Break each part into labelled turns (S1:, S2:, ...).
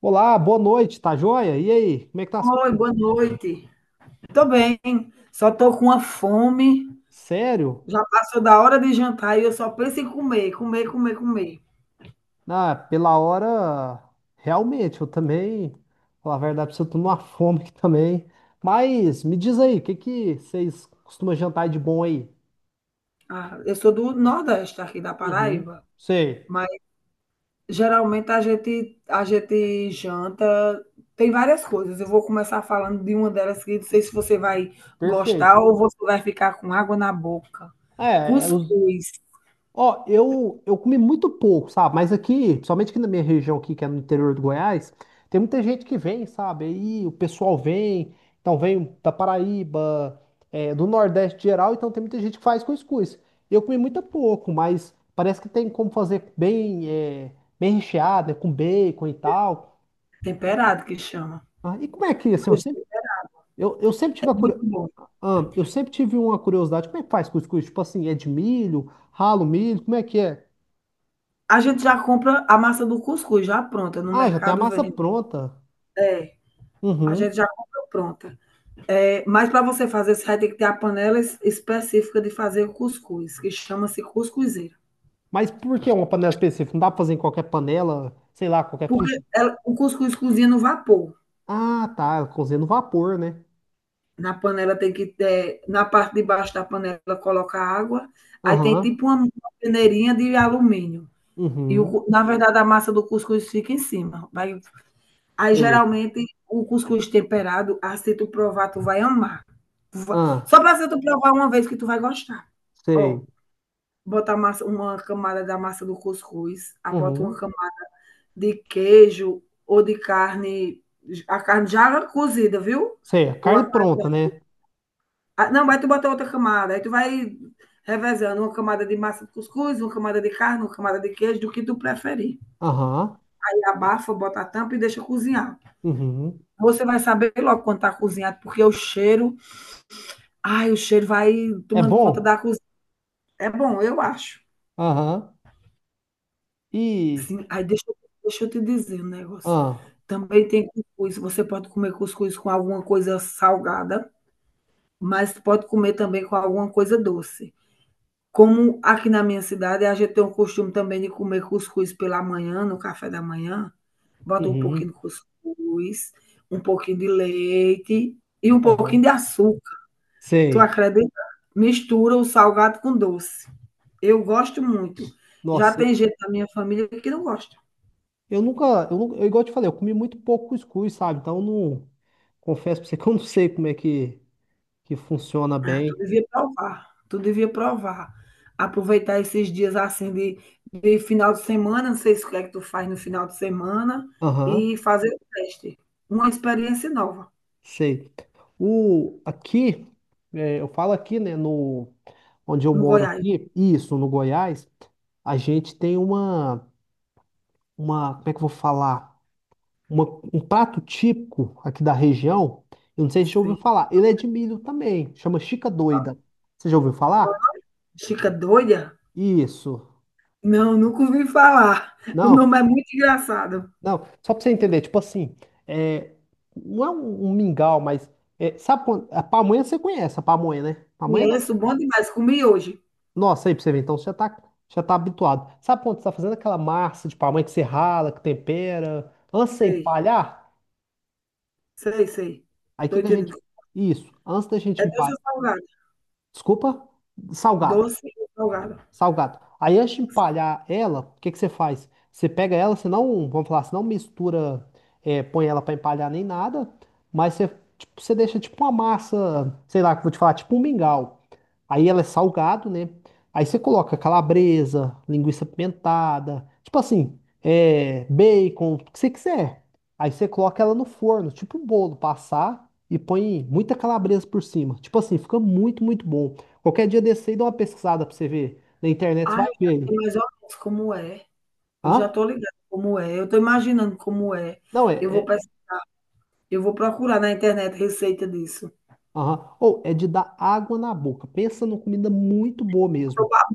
S1: Olá, boa noite, tá joia? E aí, como é que tá as
S2: Oi,
S1: coisas?
S2: boa noite. Tô bem, só tô com uma fome.
S1: Sério?
S2: Já passou da hora de jantar e eu só penso em comer, comer, comer, comer.
S1: Ah, pela hora, realmente, eu também, falar a verdade pra você, eu tô numa fome aqui também. Mas me diz aí, o que que vocês costumam jantar de bom aí?
S2: Ah, eu sou do Nordeste, aqui da
S1: Uhum,
S2: Paraíba,
S1: sei,
S2: mas geralmente a gente janta, tem várias coisas. Eu vou começar falando de uma delas que não sei se você vai
S1: perfeito.
S2: gostar ou você vai ficar com água na boca.
S1: Os
S2: Cuscuz,
S1: Ó, eu comi muito pouco, sabe? Mas aqui, principalmente aqui na minha região aqui, que é no interior do Goiás, tem muita gente que vem, sabe? Aí o pessoal vem, então vem da Paraíba, do Nordeste geral, então tem muita gente que faz cuscuz. Eu comi muito pouco, mas parece que tem como fazer bem, bem recheado, né? Com bacon e tal.
S2: temperado que chama.
S1: Ah, e como é que, assim, eu sempre,
S2: Cuscuz
S1: eu sempre
S2: é
S1: tive a
S2: muito
S1: curio...
S2: bom.
S1: ah, eu sempre tive uma curiosidade, como é que faz cuscuz? Tipo assim, é de milho, ralo milho, como é que é?
S2: A gente já compra a massa do cuscuz já pronta no
S1: Ah, já tem a
S2: mercado.
S1: massa pronta.
S2: É, a
S1: Uhum.
S2: gente já comprou pronta. É, mas para você fazer, você vai ter que ter a panela específica de fazer o cuscuz, que chama-se cuscuzeira.
S1: Mas por que uma panela específica? Não dá pra fazer em qualquer panela, sei lá, qualquer
S2: Porque
S1: frigideira.
S2: o cuscuz cozinha no vapor.
S1: Ah, tá. Cozinha no vapor, né?
S2: Na panela tem que ter, na parte de baixo da panela coloca água, aí tem
S1: Aham.
S2: tipo uma peneirinha de alumínio. E
S1: Uhum.
S2: na verdade a massa do cuscuz fica em cima. Aí
S1: Sei.
S2: geralmente o cuscuz temperado, ah, se tu provar, tu vai amar.
S1: Ah,
S2: Só para tu provar uma vez que tu vai gostar. Ó.
S1: sei.
S2: Bota a massa, uma camada da massa do cuscuz, aí bota uma
S1: Uhum.
S2: camada de queijo ou de carne, a carne já cozida, viu?
S1: Sei. A
S2: Ou
S1: carne
S2: a,
S1: pronta, né?
S2: ah, não, vai tu bota outra camada, aí tu vai revezando uma camada de massa de cuscuz, uma camada de carne, uma camada de queijo, do que tu preferir.
S1: Aham.
S2: Aí abafa, bota a tampa e deixa cozinhar.
S1: Uhum.
S2: Você vai saber logo quando tá cozinhado, porque o cheiro, ai, o cheiro vai
S1: É
S2: tomando
S1: bom?
S2: conta da cozinha. É bom, eu acho.
S1: Aham. E.
S2: Sim, aí deixa eu te dizer um negócio.
S1: Ah.
S2: Também tem cuscuz. Você pode comer cuscuz com alguma coisa salgada, mas pode comer também com alguma coisa doce. Como aqui na minha cidade, a gente tem o costume também de comer cuscuz pela manhã, no café da manhã. Bota um pouquinho
S1: Uhum.
S2: de cuscuz, um pouquinho de leite e um pouquinho de
S1: Aham.
S2: açúcar. Tu
S1: Sei.
S2: acredita? Mistura o salgado com doce. Eu gosto muito. Já
S1: Nossa,
S2: tem gente da minha família que não gosta.
S1: eu nunca. Eu, igual eu te falei, eu comi muito pouco cuscuz, sabe? Então eu não. Confesso pra você que eu não sei como é que funciona
S2: Ah, tu
S1: bem.
S2: devia provar, tu devia provar. Aproveitar esses dias assim de final de semana, não sei se o que é que tu faz no final de semana,
S1: Aham.
S2: e fazer o teste. Uma experiência nova
S1: Sei. O, aqui, eu falo aqui, né, no, onde eu
S2: no
S1: moro
S2: Goiás.
S1: aqui, isso, no Goiás, a gente tem uma, como é que eu vou falar? Uma- um prato típico aqui da região, eu não sei se você já ouviu
S2: Sim.
S1: falar, ele é de milho também, chama Chica Doida. Você já ouviu falar?
S2: Chica doida?
S1: Isso.
S2: Não, nunca ouvi falar. O
S1: Não,
S2: nome é muito engraçado.
S1: não, só pra você entender, tipo assim, é, não é um, um mingau, mas, é, sabe, quando- a pamonha você conhece, a pamonha, né? Pamonha é
S2: Conheço, bom demais. Comi hoje.
S1: Nossa, aí pra você ver, então você já tá habituado. Sabe quando você tá fazendo aquela massa de pamonha que você rala, que tempera, antes de você
S2: Sei,
S1: empalhar?
S2: sei, sei.
S1: Aí o
S2: Tô
S1: que que a gente.
S2: entendendo.
S1: Isso, antes da
S2: É
S1: gente
S2: doce
S1: empalhar.
S2: ou salgado?
S1: Desculpa, salgado.
S2: Doce ou salgado?
S1: Salgado. Aí antes de empalhar ela, o que que você faz? Você pega ela, você não, vamos falar, você não mistura, põe ela pra empalhar nem nada, mas você, tipo, você deixa tipo uma massa, sei lá, que eu vou te falar, tipo um mingau. Aí ela é salgado, né? Aí você coloca calabresa, linguiça pimentada, tipo assim, bacon, o que você quiser. Aí você coloca ela no forno, tipo um bolo, passar e põe muita calabresa por cima. Tipo assim, fica muito, muito bom. Qualquer dia desse aí, dá uma pesquisada pra você ver. Na internet você
S2: Ah, eu
S1: vai ver
S2: já
S1: aí.
S2: sei mais ou menos como é. Eu já
S1: Hã?
S2: estou ligada como é, eu estou imaginando como é.
S1: Não, é.
S2: Eu vou,
S1: É...
S2: pes- eu vou procurar na internet receita disso.
S1: aham. Ou é de dar água na boca. Pensa numa comida muito boa
S2: Tô
S1: mesmo.
S2: ba-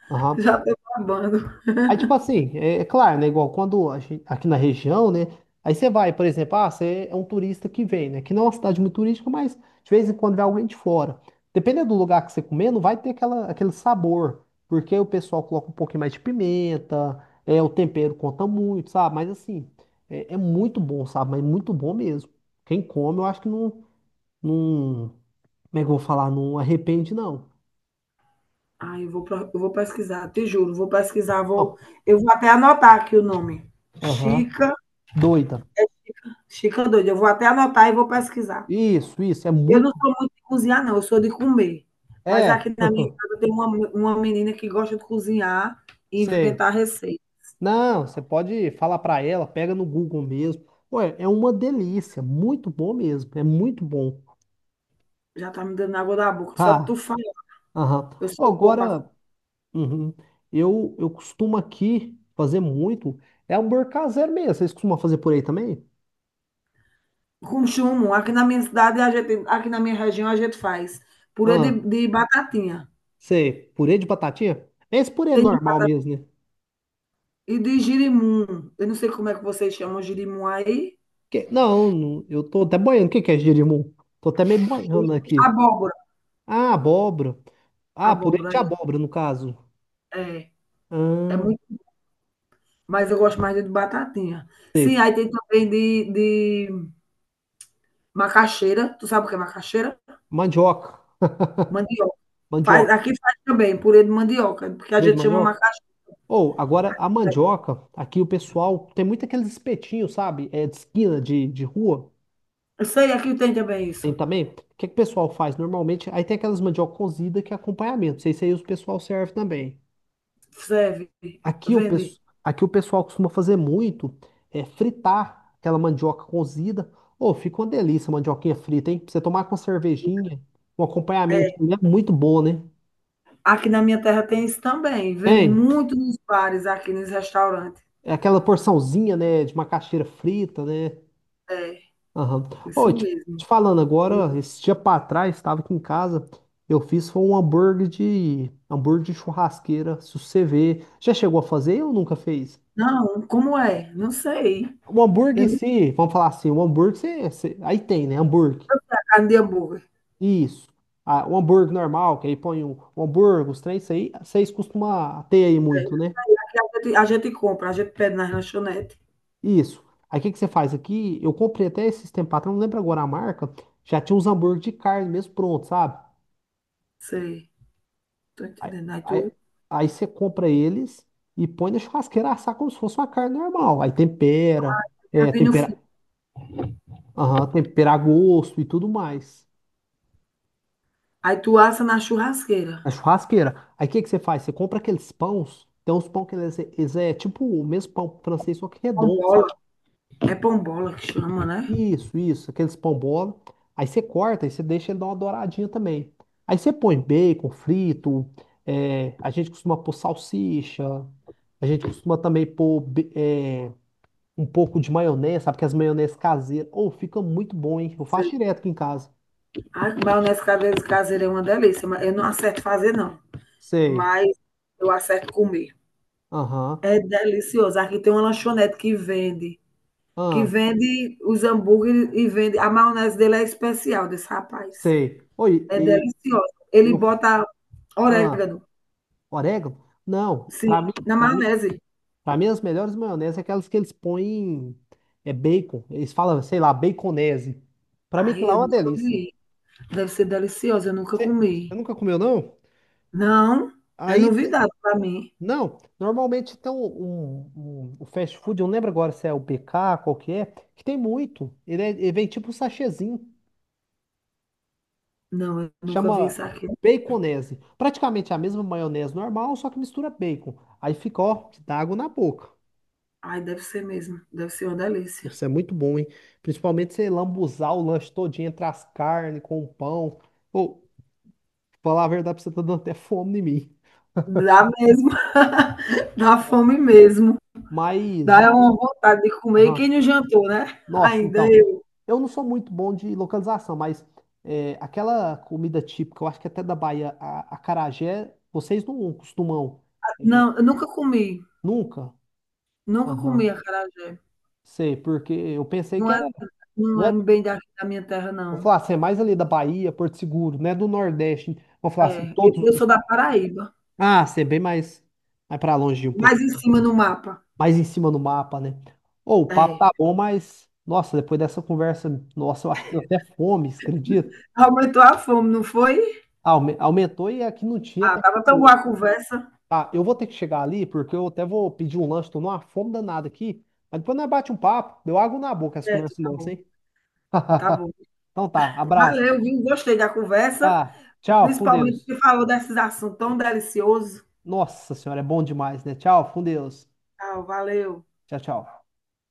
S1: Aham.
S2: Já estou babando.
S1: Aí, tipo assim, é claro, né? Igual quando a gente- aqui na região, né? Aí você vai, por exemplo, ah, você é um turista que vem, né? Que não é uma cidade muito turística, mas de vez em quando vem alguém de fora. Dependendo do lugar que você comer, não vai ter aquela, aquele sabor. Porque o pessoal coloca um pouquinho mais de pimenta, o tempero conta muito, sabe? Mas assim, é muito bom, sabe? Mas muito bom mesmo. Quem come, eu acho que não. Não, como é que eu vou falar? Não arrepende, não.
S2: Ai, eu vou pesquisar, te juro, vou pesquisar, vou,
S1: Não.
S2: eu vou até anotar aqui o nome.
S1: Aham.
S2: Chica,
S1: Doida.
S2: Chica doida, eu vou até anotar e vou pesquisar.
S1: Isso, isso. É
S2: Eu não
S1: muito.
S2: sou muito de cozinhar, não, eu sou de comer. Mas
S1: É.
S2: aqui na minha casa tem uma menina que gosta de cozinhar e
S1: Sei.
S2: inventar receita.
S1: Não, você pode falar pra ela, pega no Google mesmo. Ué, é uma delícia. Muito bom mesmo. É muito bom.
S2: Já tá me dando água da boca. Só de
S1: Ah,
S2: tu falar,
S1: aham.
S2: eu
S1: Ó,
S2: sou boa para
S1: agora, uhum, eu costumo aqui fazer muito. É hambúrguer caseiro mesmo. Vocês costumam fazer por aí também?
S2: com chumbo. Aqui na minha cidade, aqui na minha região, a gente faz purê
S1: Ah,
S2: de batatinha.
S1: sei. Purê de batatinha? É esse purê é
S2: Tem de
S1: normal
S2: batata
S1: mesmo, né?
S2: e de girimum. Eu não sei como é que vocês chamam girimum aí.
S1: Que- Não, não, eu tô até boiando. O que que é jerimum? Tô até meio boiando aqui.
S2: Abóbora.
S1: Ah, abóbora. Ah, purê
S2: Abóbora,
S1: de
S2: é.
S1: abóbora, no caso.
S2: É, é
S1: Ah,
S2: muito, mas eu gosto mais de batatinha. Sim,
S1: sei.
S2: aí tem também de macaxeira. Tu sabe o que é macaxeira?
S1: Mandioca.
S2: Mandioca. Faz,
S1: Mandioca.
S2: aqui faz também purê de mandioca, porque a
S1: Purê de
S2: gente chama
S1: mandioca?
S2: macaxeira.
S1: Ou, agora, a mandioca, aqui o pessoal tem muito aqueles espetinhos, sabe? É de esquina, de rua.
S2: Eu sei, aqui tem também
S1: Tem
S2: isso.
S1: também. O que que o pessoal faz normalmente? Aí tem aquelas mandioca cozida que é acompanhamento. Não sei se aí o pessoal serve também.
S2: Serve,
S1: Aqui o,
S2: vende.
S1: pesso- aqui o pessoal costuma fazer muito é fritar aquela mandioca cozida. Ô, fica uma delícia a mandioquinha frita, hein? Pra você tomar com uma cervejinha, um acompanhamento é muito bom, né?
S2: Aqui na minha terra tem isso também. Vende
S1: Tem
S2: muito nos bares, aqui nos restaurantes.
S1: é aquela porçãozinha, né, de macaxeira frita, né?
S2: É,
S1: Aham.
S2: isso
S1: Ô, te
S2: mesmo.
S1: falando agora, esse dia pra trás, estava aqui em casa, eu fiz foi um hambúrguer de churrasqueira, se você ver. Já chegou a fazer ou nunca fez?
S2: Não, como é? Não sei.
S1: O hambúrguer
S2: Eu
S1: em
S2: não sei
S1: si, vamos falar assim, o hambúrguer, você, você- aí tem, né? Hambúrguer.
S2: carne de hambúrguer.
S1: Isso. Ah, o hambúrguer normal, que aí põe o hambúrguer, os três, isso aí, vocês costumam ter aí
S2: É,
S1: muito, né?
S2: aqui a gente compra, a gente pede nas lanchonetes.
S1: Isso. Aí o que, que você faz aqui? Eu comprei até esses tempos atrás, não lembro agora a marca, já tinha uns hambúrguer de carne mesmo pronto, sabe?
S2: Sei, tô
S1: Aí,
S2: entendendo. Aí
S1: aí,
S2: tu
S1: aí você compra eles e põe na churrasqueira assar como se fosse uma carne normal. Aí tempera,
S2: já vi no fim.
S1: tempera, aham, tempera a gosto e tudo mais.
S2: Aí tu assa na churrasqueira.
S1: Na churrasqueira. Aí o que que você faz? Você compra aqueles pães. Tem uns pão que eles, eles é tipo o mesmo pão francês, só que redondo,
S2: Pombola.
S1: sabe?
S2: É pombola que chama, né?
S1: Isso, isso. Aqueles pão bola. Aí você corta e você deixa ele dar uma douradinha também. Aí você põe bacon frito. É, a gente costuma pôr salsicha. A gente costuma também pôr um pouco de maionese, sabe? Que as maionese caseiras. Ou fica muito bom, hein? Eu faço
S2: Sei.
S1: direto aqui em casa.
S2: A maionese caseira é uma delícia, mas eu não acerto fazer, não.
S1: Sei.
S2: Mas eu acerto comer.
S1: Aham.
S2: É delicioso. Aqui tem uma lanchonete que
S1: Ah,
S2: vende os hambúrgueres e vende. A maionese dele é especial, desse rapaz.
S1: sei. Oi,
S2: É
S1: e
S2: deliciosa. Ele
S1: eu.
S2: bota
S1: Ah.
S2: orégano,
S1: Orégano? Não,
S2: sim, na maionese.
S1: para mim as melhores maioneses é aquelas que eles põem é bacon. Eles falam, sei lá, baconese. Para mim que
S2: Ai,
S1: lá é
S2: eu
S1: uma
S2: nunca
S1: delícia.
S2: vi. Deve ser deliciosa, eu nunca
S1: Você
S2: comi.
S1: nunca comeu não?
S2: Não, é
S1: Aí te-
S2: novidade para mim.
S1: não, normalmente tem um, o fast food, eu não lembro agora se é o BK, qual que é, que tem muito. Ele, é- ele vem tipo um sachêzinho,
S2: Não, eu nunca vi
S1: chama
S2: isso aqui.
S1: baconese. Praticamente é a mesma maionese normal, só que mistura bacon. Aí fica, ó, que dá água na boca.
S2: Ai, deve ser mesmo. Deve ser uma delícia.
S1: Nossa, é muito bom, hein? Principalmente você lambuzar o lanche todinho entre as carnes, com o pão. Ou, falar a verdade, pra você tá dando até fome em mim.
S2: Dá mesmo. Dá fome mesmo.
S1: Mas,
S2: Dá uma
S1: e...
S2: vontade de comer. E
S1: aham.
S2: quem não jantou, né?
S1: Nossa,
S2: Ainda
S1: então, eu não sou muito bom de localização, mas é, aquela comida típica, eu acho que até da Bahia, a, acarajé, vocês não costumam, é,
S2: não, eu nunca comi.
S1: nunca?
S2: Nunca comi
S1: Aham,
S2: acarajé.
S1: sei, porque eu pensei
S2: Não
S1: que era,
S2: é, não
S1: né,
S2: é bem da minha terra,
S1: vou
S2: não.
S1: falar assim, é mais ali da Bahia, Porto Seguro, né, do Nordeste, vou falar assim,
S2: É,
S1: todos
S2: eu
S1: os
S2: sou da
S1: estados.
S2: Paraíba.
S1: Ah, ser bem mais, mais pra longe um pouco.
S2: Mais em cima no mapa.
S1: Mais em cima no mapa, né? Ô, o papo
S2: É.
S1: tá bom, mas. Nossa, depois dessa conversa, nossa, eu acho que deu até fome, você acredita?
S2: Aumentou a fome, não foi?
S1: Aume- Aumentou e aqui não tinha
S2: Ah,
S1: até que
S2: tava tão boa
S1: deu.
S2: a conversa.
S1: Tá, eu vou ter que chegar ali, porque eu até vou pedir um lanche, tô numa fome danada aqui. Mas depois nós bate um papo, deu água na boca essa
S2: Certo,
S1: conversa
S2: tá
S1: nossa,
S2: bom.
S1: hein?
S2: Tá bom.
S1: Então tá, abraço.
S2: Valeu, viu? Gostei da conversa.
S1: Tá, tchau, fica com
S2: Principalmente
S1: Deus.
S2: que falou desses assuntos tão deliciosos.
S1: Nossa senhora, é bom demais, né? Tchau, fica com Deus.
S2: Tchau, valeu.
S1: Tchau, tchau.